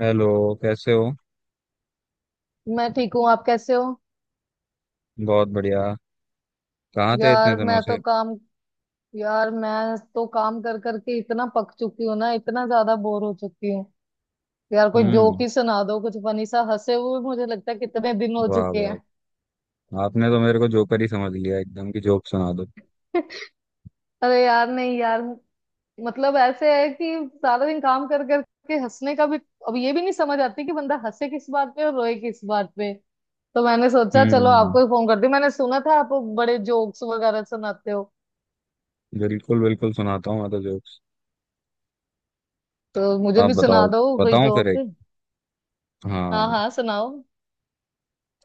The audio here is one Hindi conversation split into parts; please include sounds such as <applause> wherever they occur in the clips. हेलो। कैसे हो? मैं ठीक हूँ। आप कैसे हो? बहुत बढ़िया। कहाँ थे इतने यार दिनों मैं तो से? काम यार मैं तो काम कर करके इतना पक चुकी हूँ ना, इतना ज्यादा बोर हो चुकी हूँ। यार कोई जोक हम्म। ही सुना दो, कुछ फनी सा। हंसे हुए मुझे लगता है कितने दिन हो वाह चुके वाह। हैं। आपने तो मेरे को जोकर ही समझ लिया एकदम की जोक सुना दो। <laughs> अरे यार नहीं यार। मतलब ऐसे है कि सारा दिन काम कर करके हंसने का भी, अब ये भी नहीं समझ आती कि बंदा हंसे किस बात पे और रोए किस बात पे। तो मैंने सोचा चलो हम्म। आपको ही फोन कर दी, मैंने सुना था आप बड़े जोक्स वगैरह सुनाते हो। बिल्कुल बिल्कुल सुनाता हूँ मैं तो जोक्स। तो मुझे आप भी सुना बताओ। दो कोई बताऊँ फिर जोक। एक? हाँ हाँ। हाँ, सुनाओ।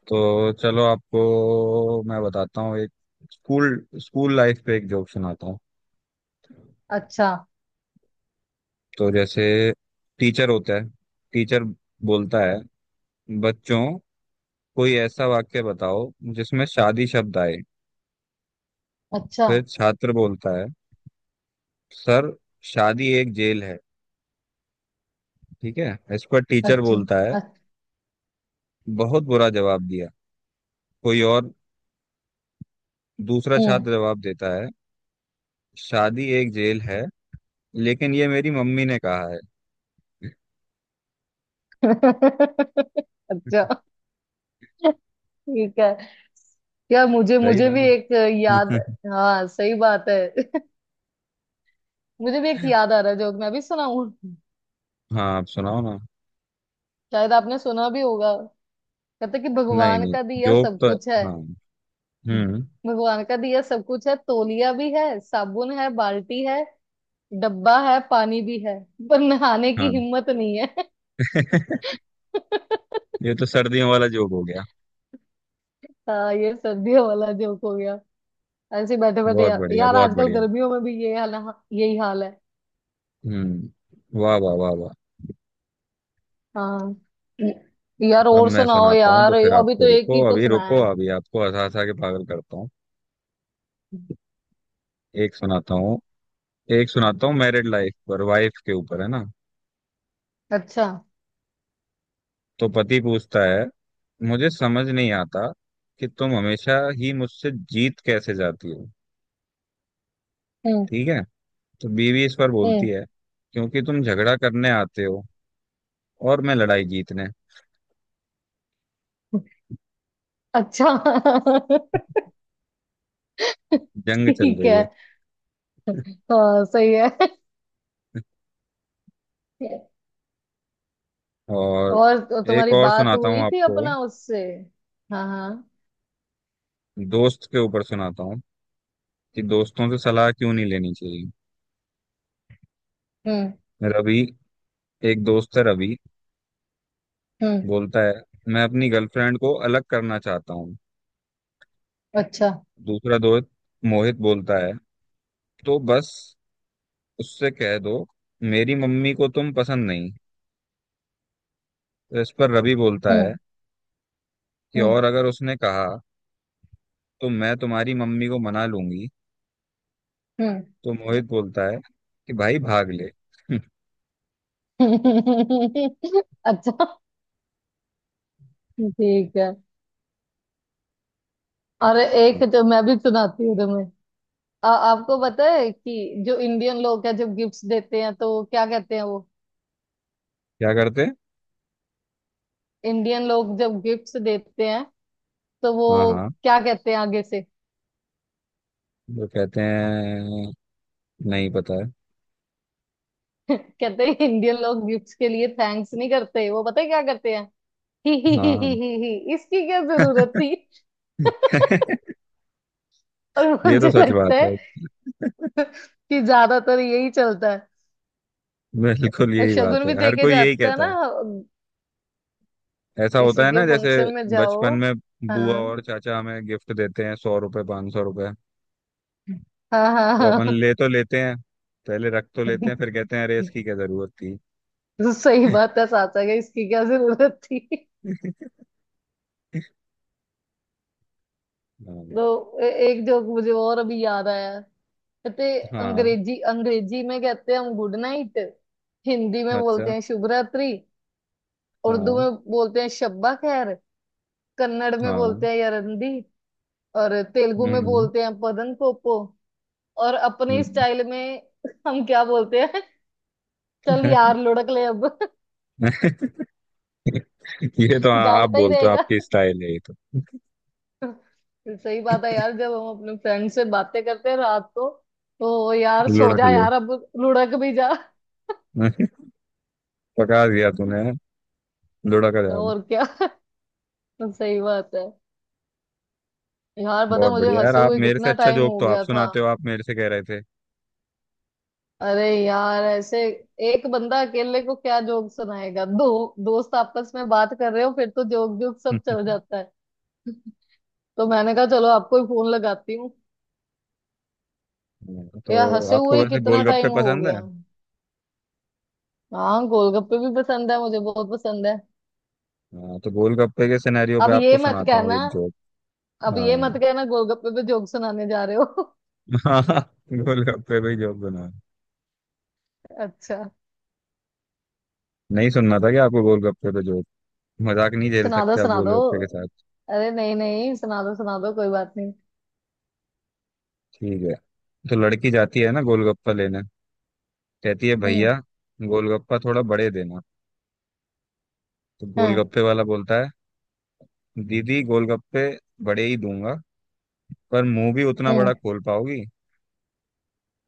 तो चलो आपको मैं बताता हूँ एक। स्कूल स्कूल लाइफ पे एक जोक सुनाता हूँ। अच्छा। तो जैसे टीचर होता है। टीचर बोलता है, बच्चों कोई ऐसा वाक्य बताओ जिसमें शादी शब्द आए। अच्छा। फिर छात्र बोलता है, सर शादी एक जेल है। ठीक है। इस पर टीचर अच्छा। बोलता है, अच्छा। बहुत बुरा जवाब दिया, कोई और? दूसरा हम्म। छात्र जवाब देता है, शादी एक जेल है लेकिन ये मेरी मम्मी ने कहा है। <laughs> <laughs> अच्छा। ठीक है। यार मुझे सही मुझे था भी ना? एक याद। <laughs> हाँ सही बात है। <laughs> मुझे भी एक याद आ रहा है जोक, मैं भी सुनाऊं? हाँ आप सुनाओ ना। शायद आपने सुना भी होगा। कहते कि नहीं भगवान नहीं, का दिया जोक सब तो कुछ है। हाँ। हम्म। भगवान का दिया सब कुछ है, तौलिया भी है, साबुन है, बाल्टी है, डब्बा है, पानी भी है, पर नहाने की हाँ। हिम्मत नहीं है। <laughs> <laughs> ये तो सर्दियों वाला जोक हो गया। हाँ, ये सर्दियों वाला जोक हो गया। ऐसे ही बैठे बैठे बहुत यार, बढ़िया बहुत आजकल बढ़िया। गर्मियों में भी ये हाल। हाँ, यही हाल है। वाह वाह वाह वाह। हाँ। यार अब और मैं सुनाओ सुनाता हूँ तो यार, फिर अभी आपको, तो एक रुको ही तो अभी, सुनाया रुको है। अभी आपको हंसा हंसा के पागल करता हूँ। एक सुनाता हूँ एक सुनाता हूँ मैरिड लाइफ पर, वाइफ के ऊपर है ना। अच्छा। तो पति पूछता है, मुझे समझ नहीं आता कि तुम हमेशा ही मुझसे जीत कैसे जाती हो। हम्म। ठीक है। तो बीवी इस पर हम्म। बोलती है, क्योंकि तुम झगड़ा करने आते हो और मैं लड़ाई जीतने। अच्छा। <laughs> जंग चल ठीक रही है। है। हाँ सही है। और और तो एक तुम्हारी और बात सुनाता हूँ हुई थी आपको। अपना उससे? हाँ हाँ। दोस्त के ऊपर सुनाता हूँ कि दोस्तों से सलाह क्यों नहीं लेनी चाहिए। हम्म। रवि, एक दोस्त है रवि, हम्म। बोलता है, मैं अपनी गर्लफ्रेंड को अलग करना चाहता हूँ। अच्छा। दूसरा दोस्त मोहित बोलता है, तो बस उससे कह दो मेरी मम्मी को तुम पसंद नहीं। तो इस पर रवि बोलता है हम्म। कि हम्म। और अगर उसने कहा तो मैं तुम्हारी मम्मी को मना लूंगी। हम्म। तो मोहित बोलता है कि भाई भाग ले। <laughs> <laughs> अच्छा। ठीक है। अरे एक जो मैं भी सुनाती हूँ तुम्हें। आपको पता है कि जो इंडियन लोग हैं जब गिफ्ट्स देते हैं तो क्या कहते हैं वो? क्या करते हैं? इंडियन लोग जब गिफ्ट्स देते हैं तो वो हाँ हाँ। क्या कहते हैं आगे से? वो कहते हैं? नहीं पता है। <laughs> कहते हैं इंडियन लोग गिफ्ट्स के लिए थैंक्स नहीं करते, वो पता है क्या करते हैं? <laughs> हाँ। ही, इसकी क्या जरूरत थी। <laughs> <laughs> और ये तो मुझे सच बात लगता है है। कि ज्यादातर यही चलता है। बिल्कुल और यही शगुन बात है, भी हर देके कोई यही जाता है कहता ना, है। ऐसा होता किसी है के ना, जैसे फंक्शन में बचपन जाओ। में बुआ हाँ और चाचा हमें गिफ्ट देते हैं, 100 रुपए, 500 रुपए, हाँ तो अपन हाँ ले तो लेते हैं, पहले रख तो लेते हाँ। हैं, फिर कहते हैं अरे <laughs> इसकी क्या जरूरत थी। तो सही बात है, साचा के इसकी क्या जरूरत थी। <laughs> हाँ। तो एक जोक मुझे और अभी याद आया। कहते, हाँ। अंग्रेजी अंग्रेजी में कहते हैं हम गुड नाइट। हिंदी में बोलते अच्छा। हैं शुभ रात्रि। उर्दू हाँ। में बोलते हैं शब्बा खैर। कन्नड़ में हाँ। बोलते हैं यरंदी। और तेलुगु में हम्म। बोलते हैं पदन पोपो। और अपने हम्म। स्टाइल में हम क्या बोलते हैं? चल यार लुढ़क ले अब। <laughs> <laughs> ये तो आप जागता ही बोलते हो, रहेगा। आपकी स्टाइल है ये तो। सही बात है यार, जब हम अपने फ्रेंड से बातें करते हैं रात को, तो यार सो लुढ़क जा ले। यार अब, लुढ़क भी जा। <laughs> पका दिया तूने। लुढ़क <laughs> जाम। और क्या। <laughs> सही बात है। यार बता, बहुत मुझे बढ़िया यार, हंसे आप हुए मेरे से कितना अच्छा टाइम जोक हो तो आप गया था। सुनाते हो, आप मेरे से कह रहे थे। अरे यार ऐसे एक बंदा अकेले को क्या जोक सुनाएगा? दो दोस्त आपस में बात कर रहे हो फिर तो जोक जोक सब चल <laughs> जाता है। <laughs> तो मैंने कहा चलो आपको ही फोन लगाती हूँ। हाँ, यार तो हंसे आपको हुए ही वैसे कितना गोलगप्पे टाइम हो पसंद गया। है? हाँ, गोलगप्पे भी पसंद है, मुझे बहुत पसंद है। हाँ तो गोलगप्पे के सिनेरियो पे अब ये आपको मत सुनाता हूँ कहना। एक जोक। अब हाँ ये मत कहना गोलगप्पे पे जोक सुनाने जा रहे हो। हाँ, गोलगप्पे पे ही जोक बना। <laughs> अच्छा। नहीं सुनना था क्या आपको गोलगप्पे पे जोक? मजाक नहीं झेल सुना दो, सकते आप सुना दो। गोलगप्पे के साथ? अरे नहीं नहीं, सुना दो सुना दो, कोई बात नहीं। ठीक है। तो लड़की जाती है ना गोलगप्पा लेने, कहती है हम्म। भैया गोलगप्पा थोड़ा बड़े देना। तो हाँ। गोलगप्पे वाला बोलता है, दीदी गोलगप्पे बड़े ही दूंगा पर मुंह भी उतना हम्म। बड़ा खोल पाओगी?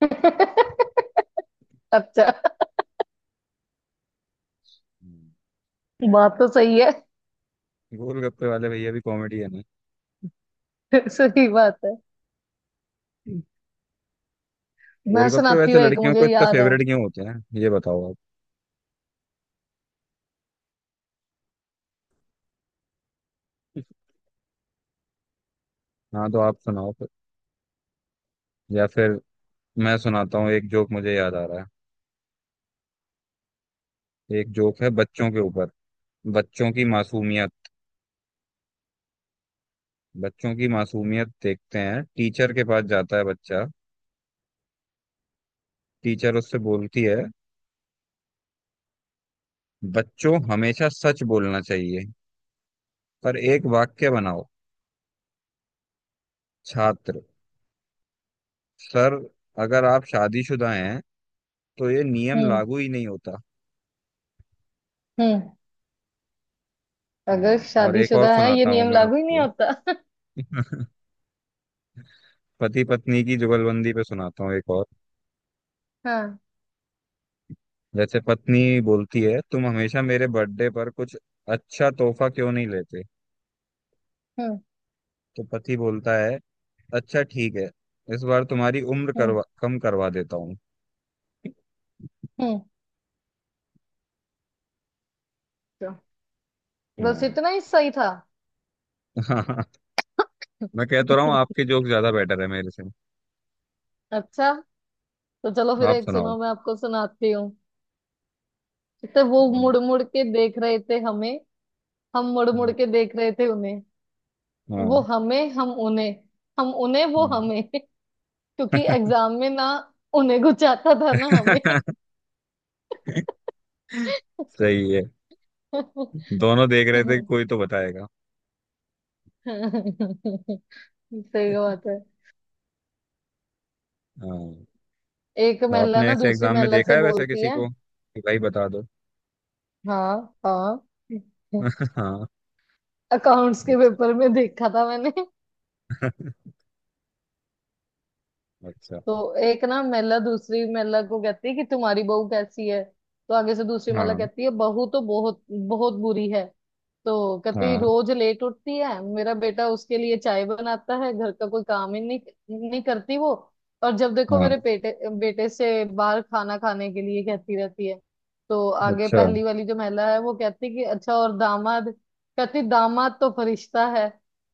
<laughs> अच्छा। हम्म। बात तो सही है। गोलगप्पे वाले भैया भी कॉमेडी है ना। <laughs> सही बात है। मैं गोलगप्पे सुनाती वैसे हूँ एक, लड़कियों को मुझे इतना याद है। फेवरेट क्यों होते हैं? ये बताओ आप। हाँ तो आप सुनाओ फिर, या फिर मैं सुनाता हूँ एक जोक। मुझे याद आ रहा है। एक जोक है बच्चों के ऊपर, बच्चों की मासूमियत, बच्चों की मासूमियत देखते हैं। टीचर के पास जाता है बच्चा। टीचर उससे बोलती है, बच्चों हमेशा सच बोलना चाहिए, पर एक वाक्य बनाओ। छात्र, सर अगर आप शादीशुदा हैं तो ये नियम हम्म। लागू ही नहीं होता। हम्म। हाँ। अगर और एक और शादीशुदा है ये सुनाता हूँ नियम मैं लागू ही नहीं आपको। होता। <laughs> <laughs> पति पत्नी की जुगलबंदी पे सुनाता हूँ एक और। हाँ। जैसे पत्नी बोलती है, तुम हमेशा मेरे बर्थडे पर कुछ अच्छा तोहफा क्यों नहीं लेते? हम्म। तो पति बोलता है, अच्छा ठीक है, इस बार तुम्हारी उम्र हम्म। करवा कम करवा देता हूँ। हम्म। तो बस हाँ। इतना ही सही था। <laughs> मैं कह तो रहा हूँ <laughs> आपके जोक ज्यादा बेटर है मेरे से। अच्छा। तो चलो फिर आप एक सुनाओ। सुनो, मैं आपको सुनाती हूँ। तो वो हम्म, मुड़ मुड़ के देख रहे थे हमें, हम मुड़ मुड़ हम्म, के देख रहे थे उन्हें। वो हाँ। हमें, हम उन्हें। हम उन्हें, वो हम्म। हमें। <laughs> क्योंकि एग्जाम में ना, उन्हें कुछ आता था ना हमें। <laughs> सही है, <laughs> दोनों देख रहे थे कि कोई तो बताएगा। सही बात है। हाँ। एक महिला आपने ना ऐसे दूसरी एग्जाम में महिला देखा से है वैसे बोलती किसी है। को कि भाई बता दो? हाँ हाँ। <laughs> <laughs> हाँ। अकाउंट्स के अच्छा। पेपर में देखा था मैंने। <laughs> अच्छा। तो एक ना महिला दूसरी महिला को कहती है कि तुम्हारी बहू कैसी है? तो आगे से दूसरी महिला हाँ। कहती है, बहू तो बहुत बहुत बुरी है। तो कहती हाँ। रोज लेट उठती है, मेरा बेटा उसके लिए चाय बनाता है, घर का कोई काम ही नहीं नहीं करती वो। और जब देखो मेरे हाँ। बेटे बेटे से बाहर खाना खाने के लिए कहती रहती है। तो आगे अच्छा। पहली वाली जो महिला है वो कहती कि अच्छा, और दामाद? कहती, दामाद तो फरिश्ता है,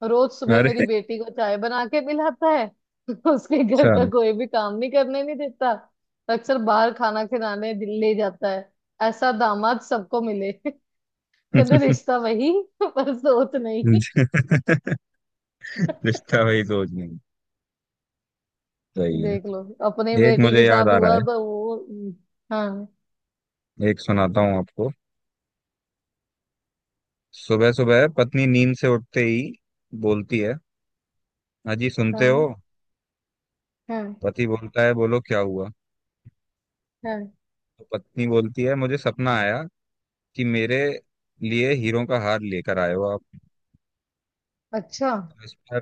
रोज सुबह अरे। मेरी बेटी को चाय बना के पिलाता है। <laughs> उसके अच्छा। घर का कोई भी काम नहीं करने नहीं देता, अक्सर बाहर खाना खिलाने ले जाता है। ऐसा दामाद सबको मिले। <laughs> कहते <laughs> रिश्ता वही, पर सोच नहीं। रिश्ता वही सोच नहीं। सही है। देख लो अपनी एक बेटी के मुझे याद साथ आ रहा हुआ तो वो। हाँ है, एक सुनाता हूँ आपको। सुबह सुबह पत्नी नींद से उठते ही बोलती है, अजी सुनते हो? हाँ हाँ पति बोलता है, बोलो क्या हुआ। हाँ। तो पत्नी बोलती है, मुझे सपना आया कि मेरे लिए हीरों का हार लेकर आए हो आप। अच्छा। तो इस पर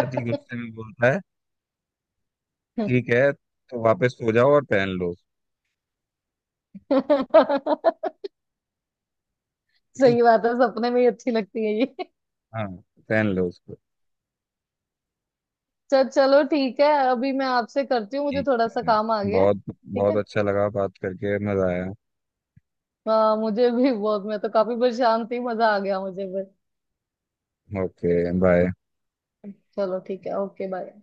पति गुस्से में बोलता है, ठीक है तो वापस सो जाओ और पहन लो। सही बात है, सपने में ही अच्छी लगती है ये। हाँ, पहन लो उसको। चल चलो ठीक है, अभी मैं आपसे करती हूँ, मुझे ठीक थोड़ा सा है। काम आ गया। बहुत, ठीक बहुत है। अच्छा लगा बात करके, मजा आया। हाँ मुझे भी बहुत, मैं तो काफी परेशान थी, मजा आ गया मुझे भी। Okay bye. चलो ठीक है, ओके बाय।